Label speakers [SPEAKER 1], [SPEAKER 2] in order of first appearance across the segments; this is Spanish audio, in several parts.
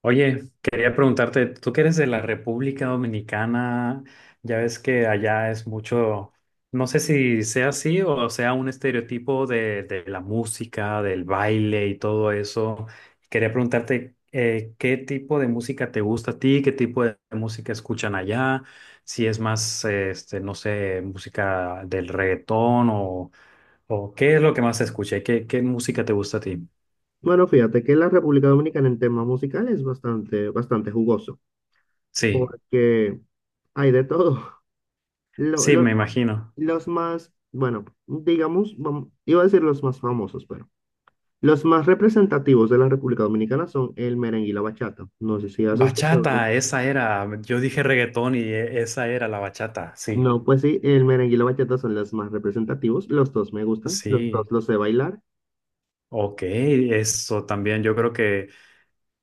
[SPEAKER 1] Oye, quería preguntarte, tú que eres de la República Dominicana, ya ves que allá es mucho, no sé si sea así o sea un estereotipo de la música, del baile y todo eso. Quería preguntarte, ¿qué tipo de música te gusta a ti? ¿Qué tipo de música escuchan allá? Si es más, no sé, música del reggaetón o qué es lo que más se escucha y qué música te gusta a ti.
[SPEAKER 2] Bueno, fíjate que la República Dominicana en temas musicales es bastante jugoso,
[SPEAKER 1] Sí,
[SPEAKER 2] porque hay de todo. Lo-
[SPEAKER 1] sí,
[SPEAKER 2] los,
[SPEAKER 1] me imagino.
[SPEAKER 2] los más, bueno, digamos, iba a decir los más famosos, pero los más representativos de la República Dominicana son el merengue y la bachata. No sé si has escuchado. No.
[SPEAKER 1] Bachata, esa era. Yo dije reggaetón y esa era la bachata, sí.
[SPEAKER 2] No, pues sí, el merengue y la bachata son los más representativos. Los dos me gustan, los dos
[SPEAKER 1] Sí,
[SPEAKER 2] los sé bailar.
[SPEAKER 1] ok, eso también. Yo creo que,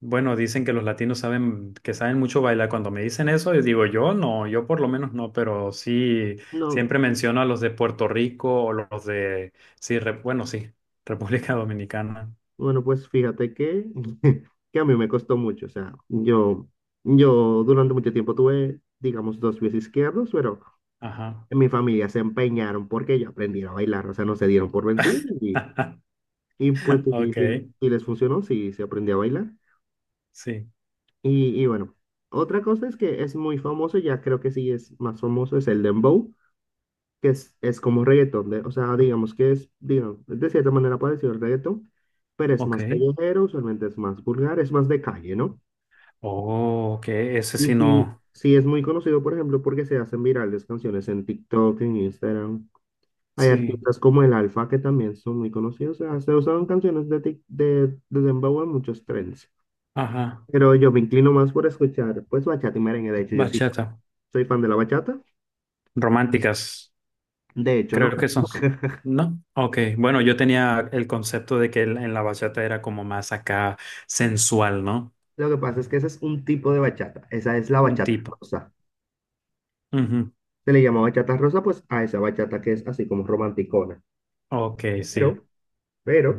[SPEAKER 1] bueno, dicen que los latinos saben, que saben mucho bailar. Cuando me dicen eso, yo digo, yo no, yo por lo menos no, pero sí,
[SPEAKER 2] No.
[SPEAKER 1] siempre menciono a los de Puerto Rico o sí, bueno, sí, República Dominicana.
[SPEAKER 2] Bueno, pues fíjate que, que a mí me costó mucho. O sea, yo durante mucho tiempo tuve, digamos, dos pies izquierdos, pero
[SPEAKER 1] Ajá.
[SPEAKER 2] en mi familia se empeñaron porque yo aprendiera a bailar. O sea, no se dieron por vencidos y pues sí, sí-
[SPEAKER 1] Ok,
[SPEAKER 2] sí les funcionó, sí se aprendió a bailar.
[SPEAKER 1] sí,
[SPEAKER 2] Y bueno, otra cosa es que es muy famoso, ya creo que sí es más famoso, es el dembow, que es como reggaetón. O sea, digamos que es, digamos, de cierta manera parecido al reggaetón, pero es
[SPEAKER 1] ok.
[SPEAKER 2] más callejero, usualmente es más vulgar, es más de calle, ¿no?
[SPEAKER 1] Oh, ok, ese
[SPEAKER 2] Y
[SPEAKER 1] sí
[SPEAKER 2] sí,
[SPEAKER 1] no.
[SPEAKER 2] sí es muy conocido, por ejemplo, porque se hacen virales canciones en TikTok, en Instagram. Hay
[SPEAKER 1] Sí,
[SPEAKER 2] artistas como el Alfa que también son muy conocidos. O sea, se usan canciones de Dembow en muchos trends.
[SPEAKER 1] ajá,
[SPEAKER 2] Pero yo me inclino más por escuchar, pues, bachata y merengue. De hecho, yo sí
[SPEAKER 1] bachata.
[SPEAKER 2] soy fan de la bachata.
[SPEAKER 1] Románticas,
[SPEAKER 2] De hecho, no.
[SPEAKER 1] creo que son. ¿No? Ok, bueno, yo tenía el concepto de que en la bachata era como más acá sensual, ¿no?
[SPEAKER 2] Lo que pasa es que ese es un tipo de bachata. Esa es la
[SPEAKER 1] Un
[SPEAKER 2] bachata
[SPEAKER 1] tipo.
[SPEAKER 2] rosa.
[SPEAKER 1] Ujú.
[SPEAKER 2] Se le llama bachata rosa, pues, a esa bachata que es así como romanticona.
[SPEAKER 1] Ok, sí,
[SPEAKER 2] Pero, pero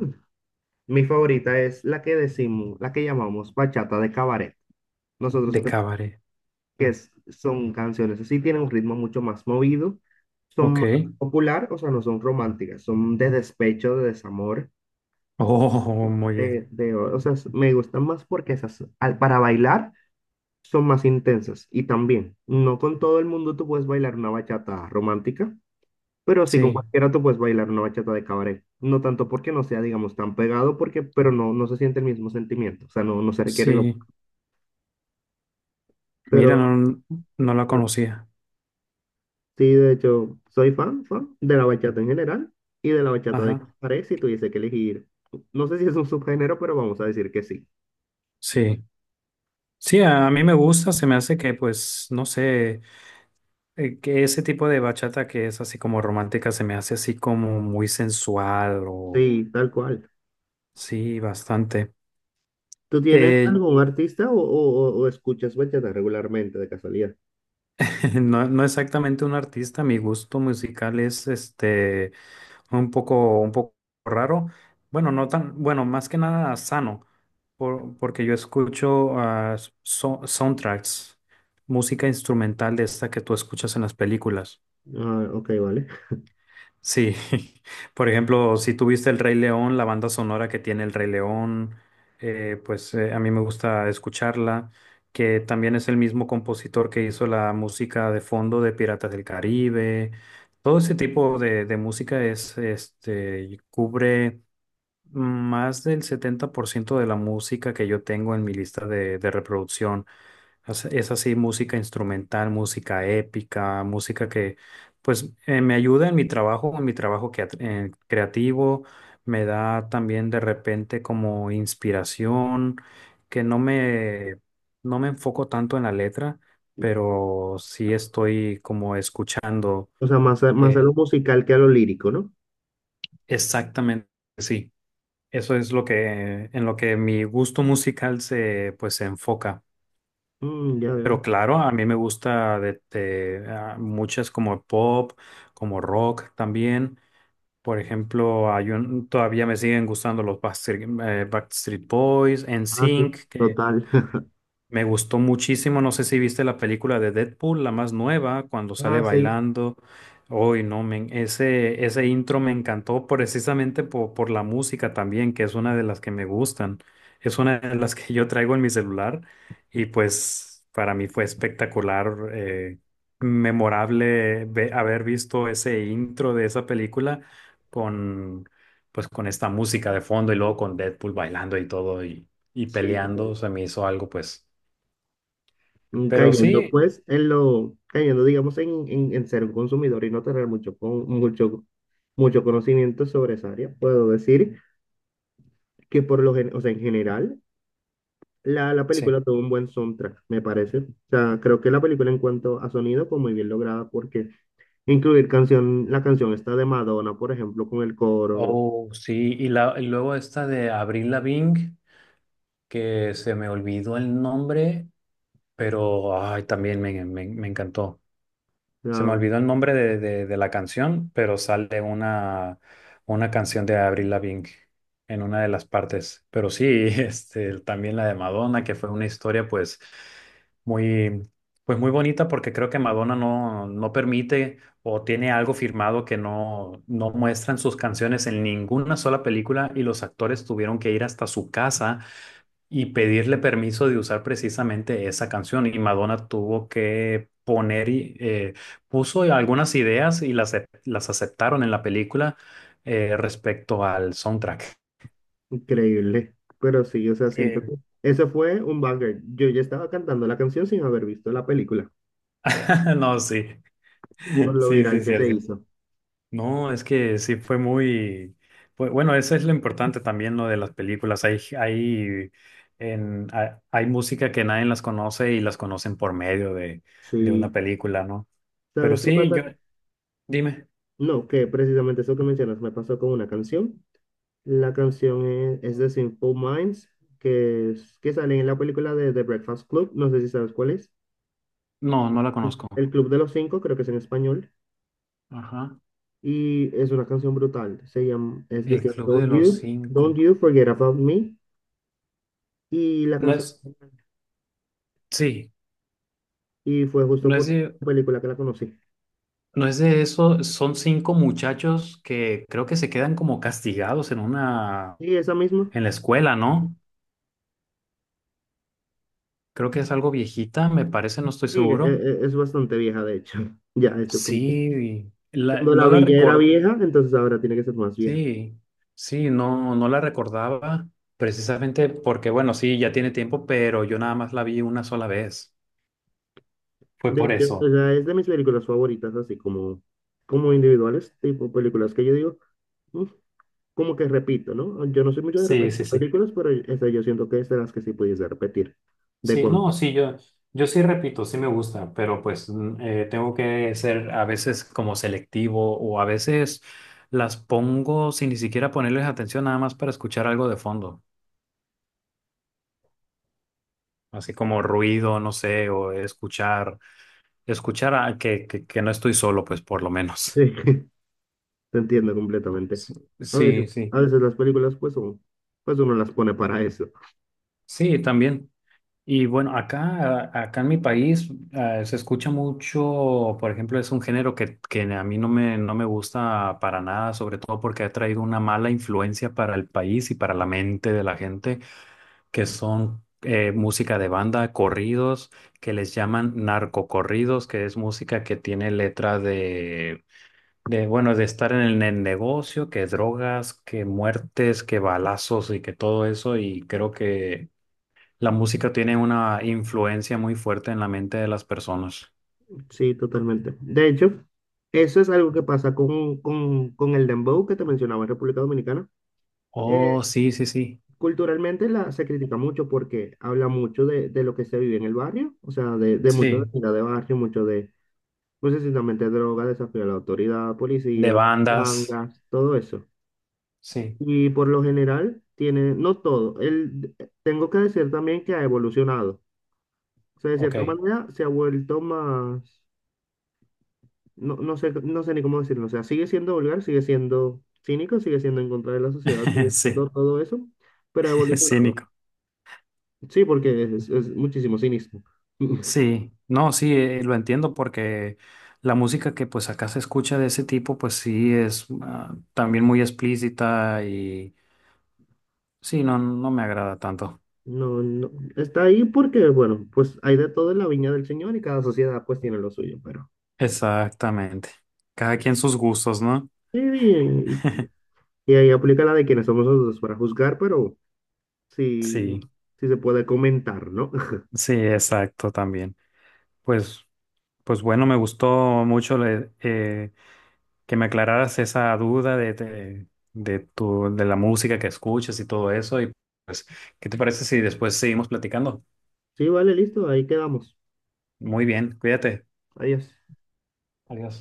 [SPEAKER 2] mi favorita es la que decimos, la que llamamos bachata de cabaret. Nosotros
[SPEAKER 1] de
[SPEAKER 2] Cre-
[SPEAKER 1] cabaret.
[SPEAKER 2] Son canciones así, tienen un ritmo mucho más movido, son
[SPEAKER 1] Ok.
[SPEAKER 2] más popular, o sea, no son románticas, son de despecho, de desamor,
[SPEAKER 1] Oh, muy bien.
[SPEAKER 2] o sea, me gustan más porque esas, para bailar son más intensas. Y también, no con todo el mundo tú puedes bailar una bachata romántica, pero sí con
[SPEAKER 1] Sí,
[SPEAKER 2] cualquiera tú puedes bailar una bachata de cabaret. No tanto porque no sea, digamos, tan pegado, porque, pero no, no se siente el mismo sentimiento, o sea, no, no se requiere lo...
[SPEAKER 1] sí. Mira,
[SPEAKER 2] Pero,
[SPEAKER 1] no, no la conocía.
[SPEAKER 2] sí, de hecho, soy fan de la bachata en general y de la bachata de
[SPEAKER 1] Ajá.
[SPEAKER 2] Cabaret si tuviese que elegir. No sé si es un subgénero, pero vamos a decir que sí.
[SPEAKER 1] Sí. Sí, a mí me gusta, se me hace que, pues, no sé, que ese tipo de bachata que es así como romántica se me hace así como muy sensual o
[SPEAKER 2] Sí, tal cual.
[SPEAKER 1] sí, bastante.
[SPEAKER 2] ¿Tú tienes
[SPEAKER 1] Eh,
[SPEAKER 2] algún artista o, o escuchas bachata regularmente, de casualidad?
[SPEAKER 1] no, no exactamente un artista, mi gusto musical es este un poco raro. Bueno, no tan, bueno, más que nada sano, porque yo escucho soundtracks, música instrumental de esta que tú escuchas en las películas.
[SPEAKER 2] Ah, ok, vale.
[SPEAKER 1] Sí, por ejemplo, si tuviste El Rey León, la banda sonora que tiene El Rey León, a mí me gusta escucharla, que también es el mismo compositor que hizo la música de fondo de Piratas del Caribe. Todo ese tipo de música es, este, y cubre más del 70% de la música que yo tengo en mi lista de reproducción. Es así, música instrumental, música épica, música que me ayuda en mi trabajo que, creativo, me da también de repente como inspiración, que no me, no me enfoco tanto en la letra, pero sí estoy como escuchando
[SPEAKER 2] O sea, más
[SPEAKER 1] eh,
[SPEAKER 2] a lo musical que a lo lírico, ¿no?
[SPEAKER 1] exactamente, sí, eso es lo que, en lo que mi gusto musical se pues se enfoca.
[SPEAKER 2] Mm, ya veo.
[SPEAKER 1] Pero claro, a mí me gusta muchas como pop, como rock también. Por ejemplo, todavía me siguen gustando los Backstreet, Backstreet Boys,
[SPEAKER 2] Ah, sí,
[SPEAKER 1] NSYNC, que
[SPEAKER 2] total.
[SPEAKER 1] me gustó muchísimo, no sé si viste la película de Deadpool, la más nueva, cuando sale
[SPEAKER 2] Ah, sí,
[SPEAKER 1] bailando. Hoy no, men, ese intro me encantó precisamente por la música también, que es una de las que me gustan. Es una de las que yo traigo en mi celular y pues para mí fue espectacular, memorable haber visto ese intro de esa película con, pues, con esta música de fondo y luego con Deadpool bailando y todo y
[SPEAKER 2] sí, total.
[SPEAKER 1] peleando. Se me hizo algo pues
[SPEAKER 2] Mm,
[SPEAKER 1] pero
[SPEAKER 2] cayendo
[SPEAKER 1] sí,
[SPEAKER 2] pues en cayendo digamos en, en ser un consumidor y no tener mucho conocimiento sobre esa área, puedo decir que por o sea, en general la
[SPEAKER 1] sí.
[SPEAKER 2] película tuvo un buen soundtrack, me parece. O sea, creo que la película en cuanto a sonido fue muy bien lograda porque incluir la canción esta de Madonna, por ejemplo, con el coro,
[SPEAKER 1] Oh, sí. Y luego esta de Avril Lavigne, que se me olvidó el nombre, pero ay, también me encantó. Se me
[SPEAKER 2] ah,
[SPEAKER 1] olvidó el nombre de la canción, pero sale una canción de Avril Lavigne en una de las partes. Pero sí, este, también la de Madonna, que fue una historia muy, pues muy bonita porque creo que Madonna no, no permite o tiene algo firmado que no, no muestran sus canciones en ninguna sola película y los actores tuvieron que ir hasta su casa y pedirle permiso de usar precisamente esa canción. Y Madonna tuvo que poner puso algunas ideas y las aceptaron en la película respecto al soundtrack.
[SPEAKER 2] increíble. Pero sí, o sea, siento
[SPEAKER 1] Eh,
[SPEAKER 2] que eso fue un banger. Yo ya estaba cantando la canción sin haber visto la película
[SPEAKER 1] No, sí,
[SPEAKER 2] por lo
[SPEAKER 1] sí, sí,
[SPEAKER 2] viral que se
[SPEAKER 1] cierto.
[SPEAKER 2] hizo.
[SPEAKER 1] No, es que sí fue muy, bueno, eso es lo importante también, lo de las películas. Hay música que nadie las conoce y las conocen por medio de una
[SPEAKER 2] Sí,
[SPEAKER 1] película, ¿no? Pero
[SPEAKER 2] ¿sabes qué
[SPEAKER 1] sí,
[SPEAKER 2] pasa?
[SPEAKER 1] yo, dime.
[SPEAKER 2] No, que precisamente eso que mencionas me pasó con una canción. La canción es de Simple Minds, que sale en la película de The Breakfast Club, no sé si sabes cuál es.
[SPEAKER 1] No, no la
[SPEAKER 2] Ujú.
[SPEAKER 1] conozco.
[SPEAKER 2] El Club de los Cinco, creo que es en español,
[SPEAKER 1] Ajá.
[SPEAKER 2] y es una canción brutal. Se llama, es de
[SPEAKER 1] El
[SPEAKER 2] que
[SPEAKER 1] Club de
[SPEAKER 2] Don't
[SPEAKER 1] los
[SPEAKER 2] You, Don't
[SPEAKER 1] Cinco.
[SPEAKER 2] You Forget About Me, y la
[SPEAKER 1] No
[SPEAKER 2] canción,
[SPEAKER 1] es, sí,
[SPEAKER 2] y fue justo
[SPEAKER 1] no es
[SPEAKER 2] por
[SPEAKER 1] de,
[SPEAKER 2] la película que la conocí.
[SPEAKER 1] no es de eso. Son cinco muchachos que creo que se quedan como castigados en una,
[SPEAKER 2] Y esa misma,
[SPEAKER 1] en la escuela, ¿no? Creo que es algo viejita, me parece, no estoy
[SPEAKER 2] sí,
[SPEAKER 1] seguro.
[SPEAKER 2] es bastante vieja, de hecho, ya a este punto.
[SPEAKER 1] Sí,
[SPEAKER 2] Cuando la
[SPEAKER 1] no la
[SPEAKER 2] villa era
[SPEAKER 1] recuerdo.
[SPEAKER 2] vieja, entonces ahora tiene que ser más vieja.
[SPEAKER 1] Sí, sí, no, no la recordaba precisamente porque, bueno, sí, ya tiene tiempo, pero yo nada más la vi una sola vez. Fue
[SPEAKER 2] De
[SPEAKER 1] por
[SPEAKER 2] hecho, o
[SPEAKER 1] eso.
[SPEAKER 2] sea, es de mis películas favoritas, así como, como individuales, tipo películas que yo digo, "Mm", como que repito, ¿no? Yo no soy mucho de
[SPEAKER 1] Sí,
[SPEAKER 2] repetir
[SPEAKER 1] sí, sí.
[SPEAKER 2] películas, pero esa yo siento que es de las que sí pudiese repetir. De
[SPEAKER 1] Sí,
[SPEAKER 2] cuando.
[SPEAKER 1] no, sí, yo sí repito, sí me gusta, pero pues tengo que ser a veces como selectivo o a veces las pongo sin ni siquiera ponerles atención nada más para escuchar algo de fondo, así como ruido, no sé, escuchar que no estoy solo, pues por lo
[SPEAKER 2] Sí,
[SPEAKER 1] menos.
[SPEAKER 2] te entiendo completamente.
[SPEAKER 1] Sí,
[SPEAKER 2] A veces,
[SPEAKER 1] sí, sí,
[SPEAKER 2] a veces las películas, pues, son, pues uno las pone para eso.
[SPEAKER 1] sí, también. Y bueno, acá en mi país se escucha mucho, por ejemplo, es un género que a mí no me gusta para nada, sobre todo porque ha traído una mala influencia para el país y para la mente de la gente, que son música de banda, corridos, que les llaman narcocorridos, que es música que tiene letra de bueno, de estar en el, en negocio, que drogas, que muertes, que balazos y que todo eso, y creo que... La música tiene una influencia muy fuerte en la mente de las personas.
[SPEAKER 2] Sí, totalmente. De hecho, eso es algo que pasa con el dembow que te mencionaba en República Dominicana. Eh,
[SPEAKER 1] Oh, sí, sí, sí.
[SPEAKER 2] Culturalmente se critica mucho porque habla mucho de lo que se vive en el barrio, o sea, de mucho de
[SPEAKER 1] Sí.
[SPEAKER 2] vida de barrio, mucho de, no sé si también de droga, desafío a la autoridad,
[SPEAKER 1] De
[SPEAKER 2] policías,
[SPEAKER 1] bandas.
[SPEAKER 2] gangas, todo eso.
[SPEAKER 1] Sí.
[SPEAKER 2] Y por lo general tiene, no todo, tengo que decir también que ha evolucionado. O sea, de cierta
[SPEAKER 1] Ok.
[SPEAKER 2] manera se ha vuelto más, no, no sé, no sé ni cómo decirlo, o sea, sigue siendo vulgar, sigue siendo cínico, sigue siendo en contra de la sociedad, sigue
[SPEAKER 1] Sí,
[SPEAKER 2] siendo todo eso, pero ha evolucionado.
[SPEAKER 1] cínico.
[SPEAKER 2] Sí, porque es muchísimo cinismo.
[SPEAKER 1] Sí. No, sí, lo entiendo porque la música que pues acá se escucha de ese tipo, pues sí es también muy explícita y sí, no, no me agrada tanto.
[SPEAKER 2] No, no, está ahí porque, bueno, pues hay de todo en la viña del Señor y cada sociedad pues tiene lo suyo, pero...
[SPEAKER 1] Exactamente. Cada quien sus gustos, ¿no?
[SPEAKER 2] Sí, bien, y ahí aplica la de quienes somos nosotros para juzgar, pero sí,
[SPEAKER 1] Sí,
[SPEAKER 2] sí se puede comentar, ¿no?
[SPEAKER 1] sí, exacto también. Pues. Pues bueno, me gustó mucho le- que me aclararas esa duda de tu, de la música que escuchas y todo eso. Y pues, ¿qué te parece si después seguimos platicando?
[SPEAKER 2] Sí, vale, listo, ahí quedamos.
[SPEAKER 1] Muy bien, cuídate.
[SPEAKER 2] Adiós.
[SPEAKER 1] Adiós.